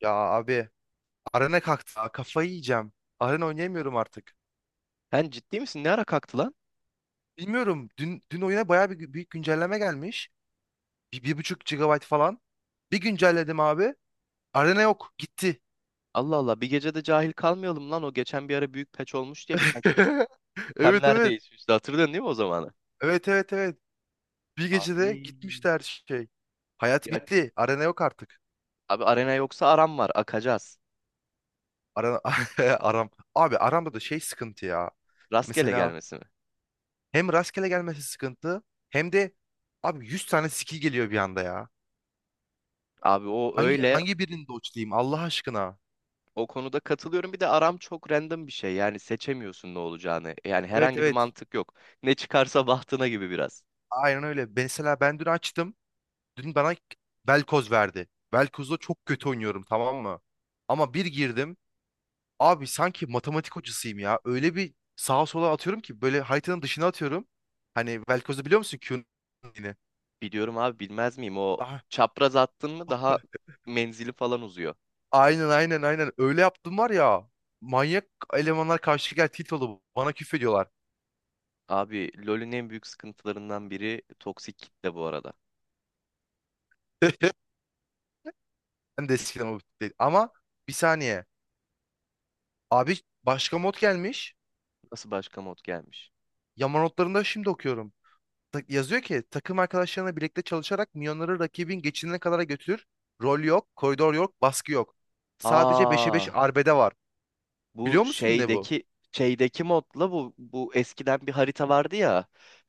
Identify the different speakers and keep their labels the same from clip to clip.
Speaker 1: Ya abi arena kalktı. Ha, kafayı yiyeceğim. Arena oynayamıyorum artık.
Speaker 2: Sen ciddi misin? Ne ara kalktı lan?
Speaker 1: Bilmiyorum. Dün oyuna bayağı bir büyük güncelleme gelmiş. Bir buçuk gigabyte falan. Bir güncelledim abi. Arena yok. Gitti.
Speaker 2: Allah Allah, bir gecede cahil kalmayalım lan. O geçen bir ara büyük peç olmuş diye birkaç
Speaker 1: Evet evet.
Speaker 2: kemlerdeyiz işte, hatırladın değil mi o zamanı?
Speaker 1: Evet evet evet. Bir
Speaker 2: Abi.
Speaker 1: gecede gitmişti her şey. Hayat
Speaker 2: Ya,
Speaker 1: bitti. Arena yok artık.
Speaker 2: abi arena yoksa aram var, akacağız.
Speaker 1: Arana, aram. Abi aramda da şey sıkıntı ya.
Speaker 2: Rastgele
Speaker 1: Mesela
Speaker 2: gelmesi mi?
Speaker 1: hem rastgele gelmesi sıkıntı hem de abi 100 tane skill geliyor bir anda ya.
Speaker 2: Abi o
Speaker 1: Hangi
Speaker 2: öyle,
Speaker 1: hangi birini dodge'layayım Allah aşkına?
Speaker 2: o konuda katılıyorum. Bir de aram çok random bir şey, yani seçemiyorsun ne olacağını, yani
Speaker 1: Evet
Speaker 2: herhangi bir
Speaker 1: evet.
Speaker 2: mantık yok. Ne çıkarsa bahtına gibi biraz.
Speaker 1: Aynen öyle. Mesela ben dün açtım. Dün bana Velkoz verdi. Velkoz'da çok kötü oynuyorum, tamam mı? Ama bir girdim. Abi sanki matematik hocasıyım ya. Öyle bir sağa sola atıyorum ki böyle haritanın dışına atıyorum. Hani Velkoz'u biliyor musun Q'nun yine?
Speaker 2: Biliyorum abi, bilmez miyim? O
Speaker 1: Ah,
Speaker 2: çapraz attın mı daha menzili falan uzuyor.
Speaker 1: aynen aynen aynen. Öyle yaptım var ya. Manyak elemanlar karşı gel tilt oldu. Bana küfrediyorlar.
Speaker 2: Abi LoL'ün en büyük sıkıntılarından biri toksik kitle bu arada.
Speaker 1: Ben de eskiden o değil. Ama bir saniye. Abi başka mod gelmiş.
Speaker 2: Nasıl başka mod gelmiş?
Speaker 1: Yama notlarında şimdi okuyorum. Yazıyor ki takım arkadaşlarına birlikte çalışarak milyonları rakibin geçidine kadar götürür. Rol yok, koridor yok, baskı yok. Sadece beşe 5
Speaker 2: Aa,
Speaker 1: arbede var.
Speaker 2: bu
Speaker 1: Biliyor musun ne bu?
Speaker 2: şeydeki şeydeki modla bu eskiden bir harita vardı ya.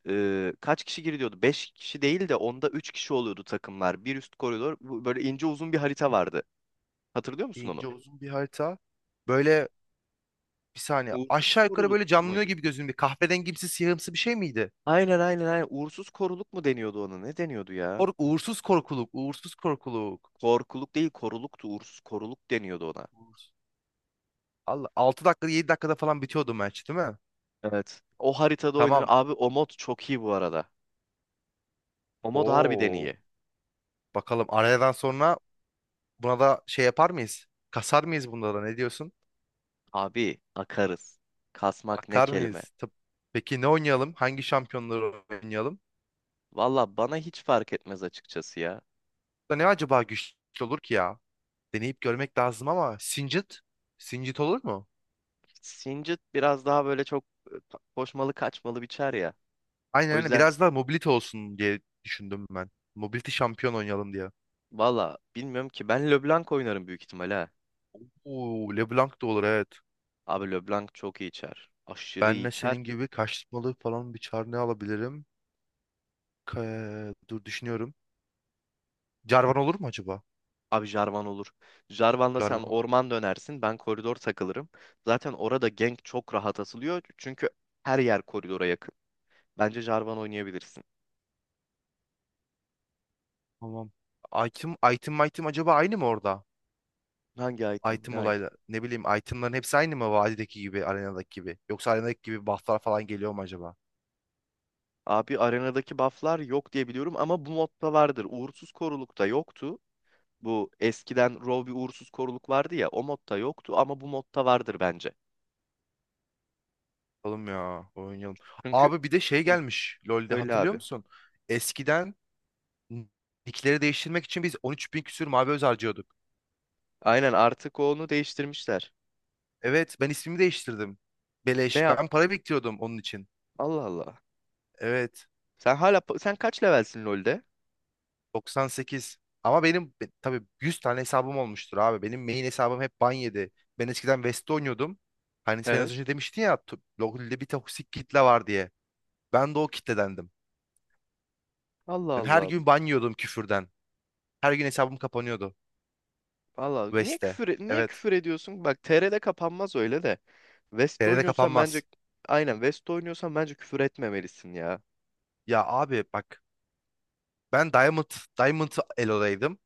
Speaker 2: Kaç kişi giriliyordu? 5 kişi değil de onda 3 kişi oluyordu takımlar. Bir üst koridor, bu böyle ince uzun bir harita vardı. Hatırlıyor musun onu?
Speaker 1: İnce uzun bir harita. Böyle bir saniye
Speaker 2: Uğursuz
Speaker 1: aşağı yukarı
Speaker 2: koruluk
Speaker 1: böyle canlanıyor
Speaker 2: muydu?
Speaker 1: gibi gözümde. Bir kahverengimsi siyahımsı bir şey miydi?
Speaker 2: Aynen aynen aynen. Uğursuz koruluk mu deniyordu ona? Ne deniyordu ya?
Speaker 1: Uğursuz korkuluk, uğursuz korkuluk.
Speaker 2: Korkuluk değil, koruluktu. Uğursuz koruluk deniyordu ona.
Speaker 1: Uğursuz. Allah 6 dakikada 7 dakikada falan bitiyordu maç, değil mi?
Speaker 2: Evet. O haritada oynanır.
Speaker 1: Tamam.
Speaker 2: Abi o mod çok iyi bu arada. O mod harbiden
Speaker 1: Oo.
Speaker 2: iyi.
Speaker 1: Bakalım arayadan sonra buna da şey yapar mıyız? Kasar mıyız bunda da, ne diyorsun?
Speaker 2: Abi akarız. Kasmak ne
Speaker 1: Akar
Speaker 2: kelime.
Speaker 1: mıyız? Peki ne oynayalım? Hangi şampiyonları oynayalım?
Speaker 2: Valla bana hiç fark etmez açıkçası ya.
Speaker 1: Da ne acaba güçlü olur ki ya? Deneyip görmek lazım ama Singed? Singed olur mu?
Speaker 2: Singed biraz daha böyle çok koşmalı kaçmalı biçer ya.
Speaker 1: Aynen
Speaker 2: O
Speaker 1: aynen,
Speaker 2: yüzden
Speaker 1: biraz daha mobility olsun diye düşündüm ben. Mobility şampiyon oynayalım diye.
Speaker 2: valla bilmiyorum ki, ben LeBlanc oynarım büyük ihtimalle ha.
Speaker 1: Oo, LeBlanc da olur, evet.
Speaker 2: Abi LeBlanc çok iyi içer. Aşırı iyi
Speaker 1: Benle senin
Speaker 2: içer.
Speaker 1: gibi kaçmalı falan bir çar ne alabilirim? Dur düşünüyorum. Jarvan olur mu acaba?
Speaker 2: Abi Jarvan olur. Jarvan'la sen
Speaker 1: Jarvan olur.
Speaker 2: orman dönersin. Ben koridor takılırım. Zaten orada gank çok rahat asılıyor. Çünkü her yer koridora yakın. Bence Jarvan oynayabilirsin.
Speaker 1: Tamam. Item acaba aynı mı orada?
Speaker 2: Hangi item?
Speaker 1: Item
Speaker 2: Ne item?
Speaker 1: olayla ne bileyim, itemların hepsi aynı mı, vadideki gibi, arenadaki gibi? Yoksa arenadaki gibi bufflar falan geliyor mu acaba?
Speaker 2: Abi arenadaki bufflar yok diye biliyorum ama bu modda vardır. Uğursuz korulukta yoktu. Bu eskiden Rov bir uğursuz koruluk vardı ya, o modda yoktu, ama bu modda vardır bence.
Speaker 1: Oğlum ya oynayalım.
Speaker 2: Çünkü
Speaker 1: Abi bir de şey
Speaker 2: hı,
Speaker 1: gelmiş LoL'de,
Speaker 2: öyle
Speaker 1: hatırlıyor
Speaker 2: abi.
Speaker 1: musun? Eskiden nickleri değiştirmek için biz 13 bin küsür mavi öz harcıyorduk.
Speaker 2: Aynen, artık onu değiştirmişler.
Speaker 1: Evet, ben ismimi değiştirdim.
Speaker 2: Ne
Speaker 1: Beleş,
Speaker 2: yap?
Speaker 1: ben para biriktiriyordum onun için.
Speaker 2: Allah Allah.
Speaker 1: Evet,
Speaker 2: Sen hala kaç levelsin LoL'de?
Speaker 1: 98. Ama benim tabii 100 tane hesabım olmuştur abi. Benim main hesabım hep ban yedi. Ben eskiden West'te oynuyordum. Hani sen az
Speaker 2: Evet.
Speaker 1: önce demiştin ya LoL'de bir toksik kitle var diye. Ben de o kitledendim.
Speaker 2: Allah
Speaker 1: Ben her
Speaker 2: Allah.
Speaker 1: gün ban yiyordum küfürden. Her gün hesabım kapanıyordu.
Speaker 2: Allah niye
Speaker 1: West'te.
Speaker 2: küfür niye
Speaker 1: Evet.
Speaker 2: küfür ediyorsun? Bak TR'de kapanmaz öyle de. West
Speaker 1: TR'de
Speaker 2: oynuyorsan bence,
Speaker 1: kapanmaz.
Speaker 2: aynen, West oynuyorsan bence küfür etmemelisin ya.
Speaker 1: Ya abi bak. Ben Diamond, Diamond Elo'daydım.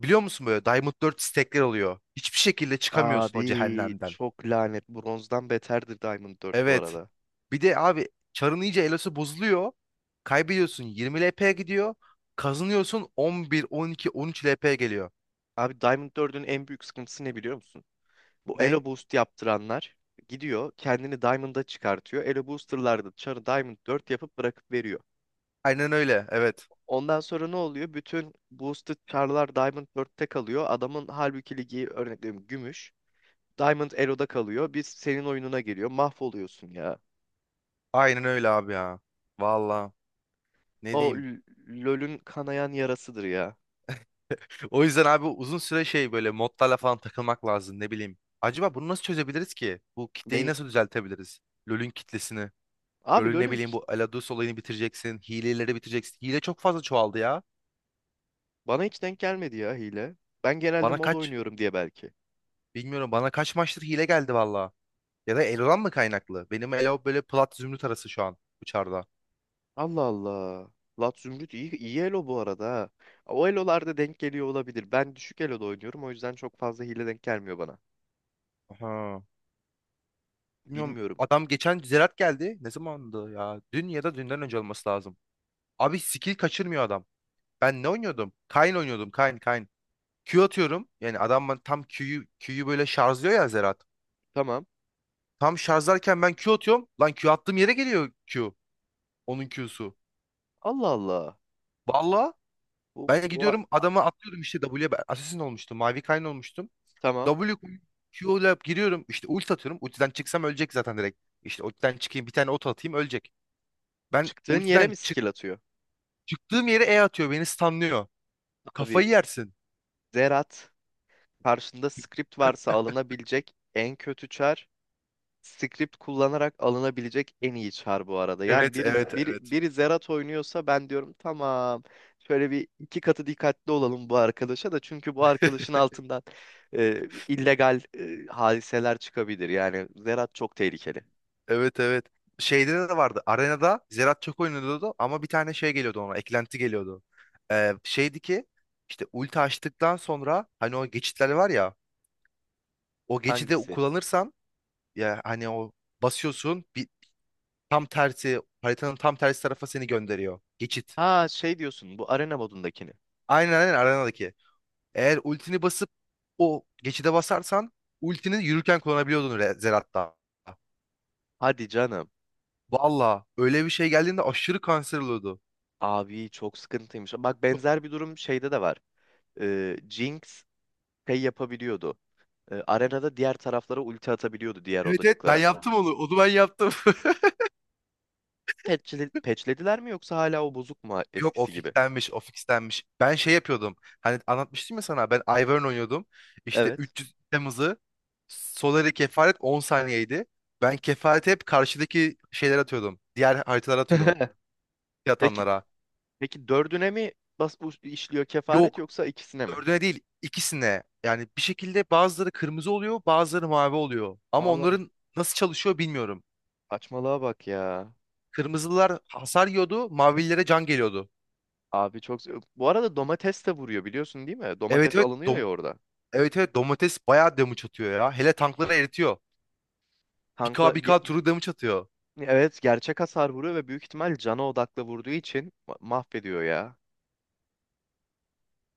Speaker 1: Biliyor musun, böyle Diamond 4 stack'ler oluyor. Hiçbir şekilde çıkamıyorsun o
Speaker 2: Abi
Speaker 1: cehennemden.
Speaker 2: çok lanet. Bronzdan beterdir Diamond 4 bu
Speaker 1: Evet.
Speaker 2: arada.
Speaker 1: Bir de abi çarın iyice elosu bozuluyor. Kaybediyorsun 20 LP'ye gidiyor. Kazanıyorsun 11, 12, 13 LP'ye geliyor.
Speaker 2: Abi Diamond 4'ün en büyük sıkıntısı ne biliyor musun? Bu
Speaker 1: Ne?
Speaker 2: Elo Boost yaptıranlar gidiyor kendini Diamond'a çıkartıyor. Elo Booster'lar da çarı Diamond 4 yapıp bırakıp veriyor.
Speaker 1: Aynen öyle. Evet.
Speaker 2: Ondan sonra ne oluyor? Bütün boosted çarlar Diamond 4'te kalıyor. Adamın halbuki ligi, örnek veriyorum, gümüş. Diamond Elo'da kalıyor. Biz senin oyununa geliyor. Mahvoluyorsun ya.
Speaker 1: Aynen öyle abi ya. Valla. Ne
Speaker 2: O
Speaker 1: diyeyim?
Speaker 2: L- LoL'ün kanayan yarasıdır ya.
Speaker 1: O yüzden abi uzun süre şey böyle modlarla falan takılmak lazım, ne bileyim. Acaba bunu nasıl çözebiliriz ki? Bu kitleyi
Speaker 2: Ne?
Speaker 1: nasıl düzeltebiliriz? LoL'ün kitlesini.
Speaker 2: Abi
Speaker 1: LoL'ün ne
Speaker 2: LoL'ün.
Speaker 1: bileyim, bu Aladus olayını bitireceksin. Hileleri bitireceksin. Hile çok fazla çoğaldı ya.
Speaker 2: Bana hiç denk gelmedi ya hile. Ben genelde
Speaker 1: Bana
Speaker 2: mod
Speaker 1: kaç?
Speaker 2: oynuyorum diye belki.
Speaker 1: Bilmiyorum, bana kaç maçtır hile geldi valla. Ya da Elo'dan mı kaynaklı? Benim Elo böyle plat zümrüt arası şu an uçarda.
Speaker 2: Allah Allah. Lat Zümrüt iyi, iyi elo bu arada ha. O elolarda denk geliyor olabilir. Ben düşük eloda oynuyorum, o yüzden çok fazla hile denk gelmiyor bana.
Speaker 1: Aha. Bilmiyorum,
Speaker 2: Bilmiyorum.
Speaker 1: adam geçen Zerat geldi. Ne zamandı ya? Dün ya da dünden önce olması lazım. Abi skill kaçırmıyor adam. Ben ne oynuyordum? Kayn oynuyordum. Kayn Kayn. Q atıyorum. Yani adam, ben tam Q'yu Q'yu böyle şarjlıyor ya Zerat.
Speaker 2: Tamam.
Speaker 1: Tam şarjlarken ben Q atıyorum. Lan Q attığım yere geliyor Q. Onun Q'su.
Speaker 2: Allah Allah.
Speaker 1: Valla
Speaker 2: Bu,
Speaker 1: ben
Speaker 2: bu a-
Speaker 1: gidiyorum
Speaker 2: a-
Speaker 1: adama atıyorum işte W'ye. Ben Assassin olmuştum. Mavi Kayn olmuştum.
Speaker 2: tamam.
Speaker 1: W koyup Q ile giriyorum. İşte ulti atıyorum. Ultiden çıksam ölecek zaten direkt. İşte ultiden çıkayım bir tane ot atayım, ölecek. Ben
Speaker 2: Çıktığın yere
Speaker 1: ultiden
Speaker 2: mi
Speaker 1: çık
Speaker 2: skill atıyor?
Speaker 1: çıktığım yere E atıyor. Beni stunlıyor.
Speaker 2: Abi
Speaker 1: Kafayı yersin.
Speaker 2: Zerat karşında script varsa alınabilecek en kötü çar, script kullanarak alınabilecek en iyi çar bu arada. Yani
Speaker 1: Evet
Speaker 2: biri,
Speaker 1: evet
Speaker 2: biri,
Speaker 1: evet.
Speaker 2: biri Zerat oynuyorsa ben diyorum tamam, şöyle bir iki katı dikkatli olalım bu arkadaşa da, çünkü bu arkadaşın altından illegal hadiseler çıkabilir. Yani Zerat çok tehlikeli.
Speaker 1: Evet evet. Şeyde de vardı. Arenada Zerat çok oynuyordu ama bir tane şey geliyordu ona. Eklenti geliyordu. Şeydi ki işte ulti açtıktan sonra hani o geçitler var ya o geçidi
Speaker 2: Hangisi?
Speaker 1: kullanırsan ya hani o basıyorsun bir tam tersi, haritanın tam tersi tarafa seni gönderiyor. Geçit.
Speaker 2: Ha, şey diyorsun, bu arena modundakini.
Speaker 1: Aynen aynen arenadaki. Eğer ultini basıp o geçide basarsan ultini yürürken kullanabiliyordun Zerat'ta.
Speaker 2: Hadi canım.
Speaker 1: Valla öyle bir şey geldiğinde aşırı kanser oluyordu.
Speaker 2: Abi çok sıkıntıymış. Bak benzer bir durum şeyde de var. Jinx şey yapabiliyordu. Arenada diğer taraflara ulti atabiliyordu, diğer
Speaker 1: Evet evet, ben
Speaker 2: odacıklara.
Speaker 1: yaptım onu. Onu ben yaptım.
Speaker 2: Patch'lediler mi, yoksa hala o bozuk mu
Speaker 1: Yok, o
Speaker 2: eskisi gibi?
Speaker 1: fixlenmiş, o fixlenmiş. Ben şey yapıyordum. Hani anlatmıştım ya sana. Ben Ivern oynuyordum. İşte
Speaker 2: Evet.
Speaker 1: 300 Temmuz'u Solary kefaret 10 saniyeydi. Ben kefareti hep karşıdaki şeyler atıyordum. Diğer haritalara atıyordum.
Speaker 2: Peki
Speaker 1: Yatanlara.
Speaker 2: peki dördüne mi bas bu işliyor kefaret,
Speaker 1: Yok.
Speaker 2: yoksa ikisine mi?
Speaker 1: Dördüne değil. İkisine. Yani bir şekilde bazıları kırmızı oluyor, bazıları mavi oluyor. Ama
Speaker 2: Allah'ım,
Speaker 1: onların nasıl çalışıyor bilmiyorum.
Speaker 2: saçmalığa bak ya.
Speaker 1: Kırmızılar hasar yiyordu, mavililere can geliyordu.
Speaker 2: Abi çok. Bu arada domates de vuruyor, biliyorsun değil mi?
Speaker 1: Evet
Speaker 2: Domates
Speaker 1: evet
Speaker 2: alınıyor ya orada.
Speaker 1: evet evet domates bayağı damage atıyor ya. Hele tankları eritiyor.
Speaker 2: Tankla
Speaker 1: 1K
Speaker 2: ge-
Speaker 1: 1K turu damage atıyor.
Speaker 2: evet, gerçek hasar vuruyor ve büyük ihtimal cana odaklı vurduğu için mahvediyor ya.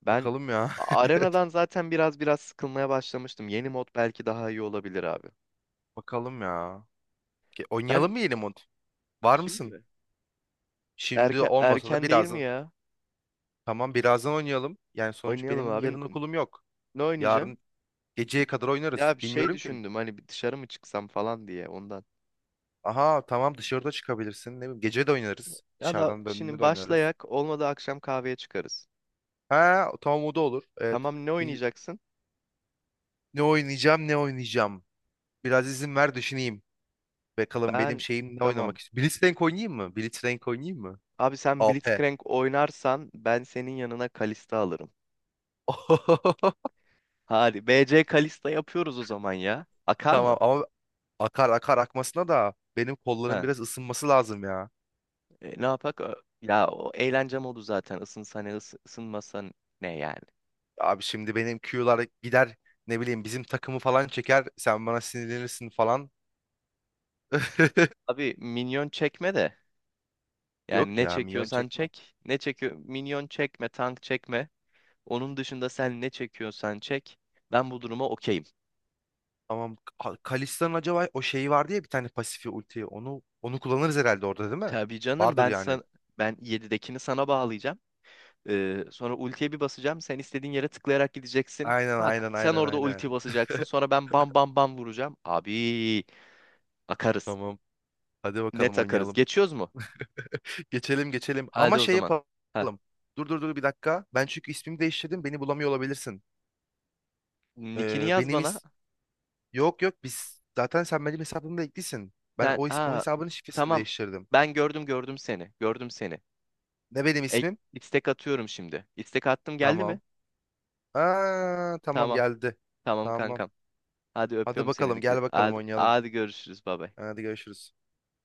Speaker 2: Ben
Speaker 1: Bakalım ya.
Speaker 2: arenadan zaten biraz sıkılmaya başlamıştım. Yeni mod belki daha iyi olabilir abi.
Speaker 1: Bakalım ya. Oynayalım
Speaker 2: Sen
Speaker 1: mı yeni mod? Var
Speaker 2: şimdi
Speaker 1: mısın?
Speaker 2: mi?
Speaker 1: Şimdi
Speaker 2: Erken
Speaker 1: olmasa da
Speaker 2: erken değil mi
Speaker 1: birazdan.
Speaker 2: ya?
Speaker 1: Tamam, birazdan oynayalım. Yani sonuç
Speaker 2: Oynayalım
Speaker 1: benim
Speaker 2: abi.
Speaker 1: yarın okulum yok.
Speaker 2: Ne oynayacaksın?
Speaker 1: Yarın geceye kadar oynarız.
Speaker 2: Ya bir şey
Speaker 1: Bilmiyorum ki.
Speaker 2: düşündüm, hani bir dışarı mı çıksam falan diye ondan.
Speaker 1: Aha, tamam, dışarıda çıkabilirsin. Ne bileyim, gece de oynarız.
Speaker 2: Ya da
Speaker 1: Dışarıdan döndüğünde
Speaker 2: şimdi
Speaker 1: de oynarız.
Speaker 2: başlayak olmadı, akşam kahveye çıkarız.
Speaker 1: Ha tamam, o da olur. Evet.
Speaker 2: Tamam, ne
Speaker 1: Bir-
Speaker 2: oynayacaksın?
Speaker 1: Ne oynayacağım, ne oynayacağım. Biraz izin ver düşüneyim. Bakalım benim
Speaker 2: Ben
Speaker 1: şeyim, ne oynamak
Speaker 2: tamam.
Speaker 1: istiyorum. Blitzcrank oynayayım mı? Blitzcrank oynayayım mı?
Speaker 2: Abi sen
Speaker 1: AP.
Speaker 2: Blitzcrank oynarsan ben senin yanına Kalista alırım. Hadi B C Kalista yapıyoruz o zaman ya. Akar
Speaker 1: Tamam
Speaker 2: mı?
Speaker 1: ama akar, akar akmasına da benim kolların
Speaker 2: Ha.
Speaker 1: biraz ısınması lazım ya.
Speaker 2: Ne yapak? Ö- ya o eğlence modu zaten. Isınsa ısınmasa ne yani.
Speaker 1: Abi şimdi benim Q'lar gider, ne bileyim, bizim takımı falan çeker. Sen bana sinirlenirsin falan.
Speaker 2: Abi minyon çekme de. Yani
Speaker 1: Yok
Speaker 2: ne
Speaker 1: ya, minyon
Speaker 2: çekiyorsan
Speaker 1: çekmem.
Speaker 2: çek. Ne çekiyor? Minyon çekme, tank çekme. Onun dışında sen ne çekiyorsan çek. Ben bu duruma okeyim.
Speaker 1: Tamam, Kalista'nın acaba o şeyi vardı ya bir tane pasifi, ulti. Onu kullanırız herhalde orada, değil mi?
Speaker 2: Tabii canım,
Speaker 1: Vardır yani.
Speaker 2: ben 7'dekini sana bağlayacağım. Sonra ultiye bir basacağım. Sen istediğin yere tıklayarak gideceksin.
Speaker 1: Aynen
Speaker 2: Bak
Speaker 1: aynen
Speaker 2: sen
Speaker 1: aynen
Speaker 2: orada
Speaker 1: aynen.
Speaker 2: ulti basacaksın. Sonra ben bam bam bam vuracağım. Abi akarız.
Speaker 1: Tamam. Hadi
Speaker 2: Net
Speaker 1: bakalım
Speaker 2: akarız.
Speaker 1: oynayalım.
Speaker 2: Geçiyoruz mu?
Speaker 1: Geçelim geçelim. Ama
Speaker 2: Hadi o
Speaker 1: şey
Speaker 2: zaman.
Speaker 1: yapalım.
Speaker 2: Ha.
Speaker 1: Dur dur dur, bir dakika. Ben çünkü ismimi değiştirdim. Beni bulamıyor olabilirsin.
Speaker 2: Nick'ini yaz
Speaker 1: Benim
Speaker 2: bana.
Speaker 1: is... Yok yok biz... Zaten sen benim hesabımda eklisin. Ben
Speaker 2: Sen
Speaker 1: o
Speaker 2: aa
Speaker 1: hesabın şifresini
Speaker 2: tamam.
Speaker 1: değiştirdim.
Speaker 2: Ben gördüm seni. Gördüm seni.
Speaker 1: Ne benim
Speaker 2: E,
Speaker 1: ismim?
Speaker 2: istek atıyorum şimdi. İstek attım, geldi mi?
Speaker 1: Tamam. Aa, tamam
Speaker 2: Tamam.
Speaker 1: geldi.
Speaker 2: Tamam
Speaker 1: Tamam.
Speaker 2: kankam. Hadi
Speaker 1: Hadi
Speaker 2: öpüyorum seni.
Speaker 1: bakalım,
Speaker 2: Dikkat.
Speaker 1: gel bakalım
Speaker 2: Hadi,
Speaker 1: oynayalım.
Speaker 2: hadi görüşürüz. Baba.
Speaker 1: Hadi görüşürüz.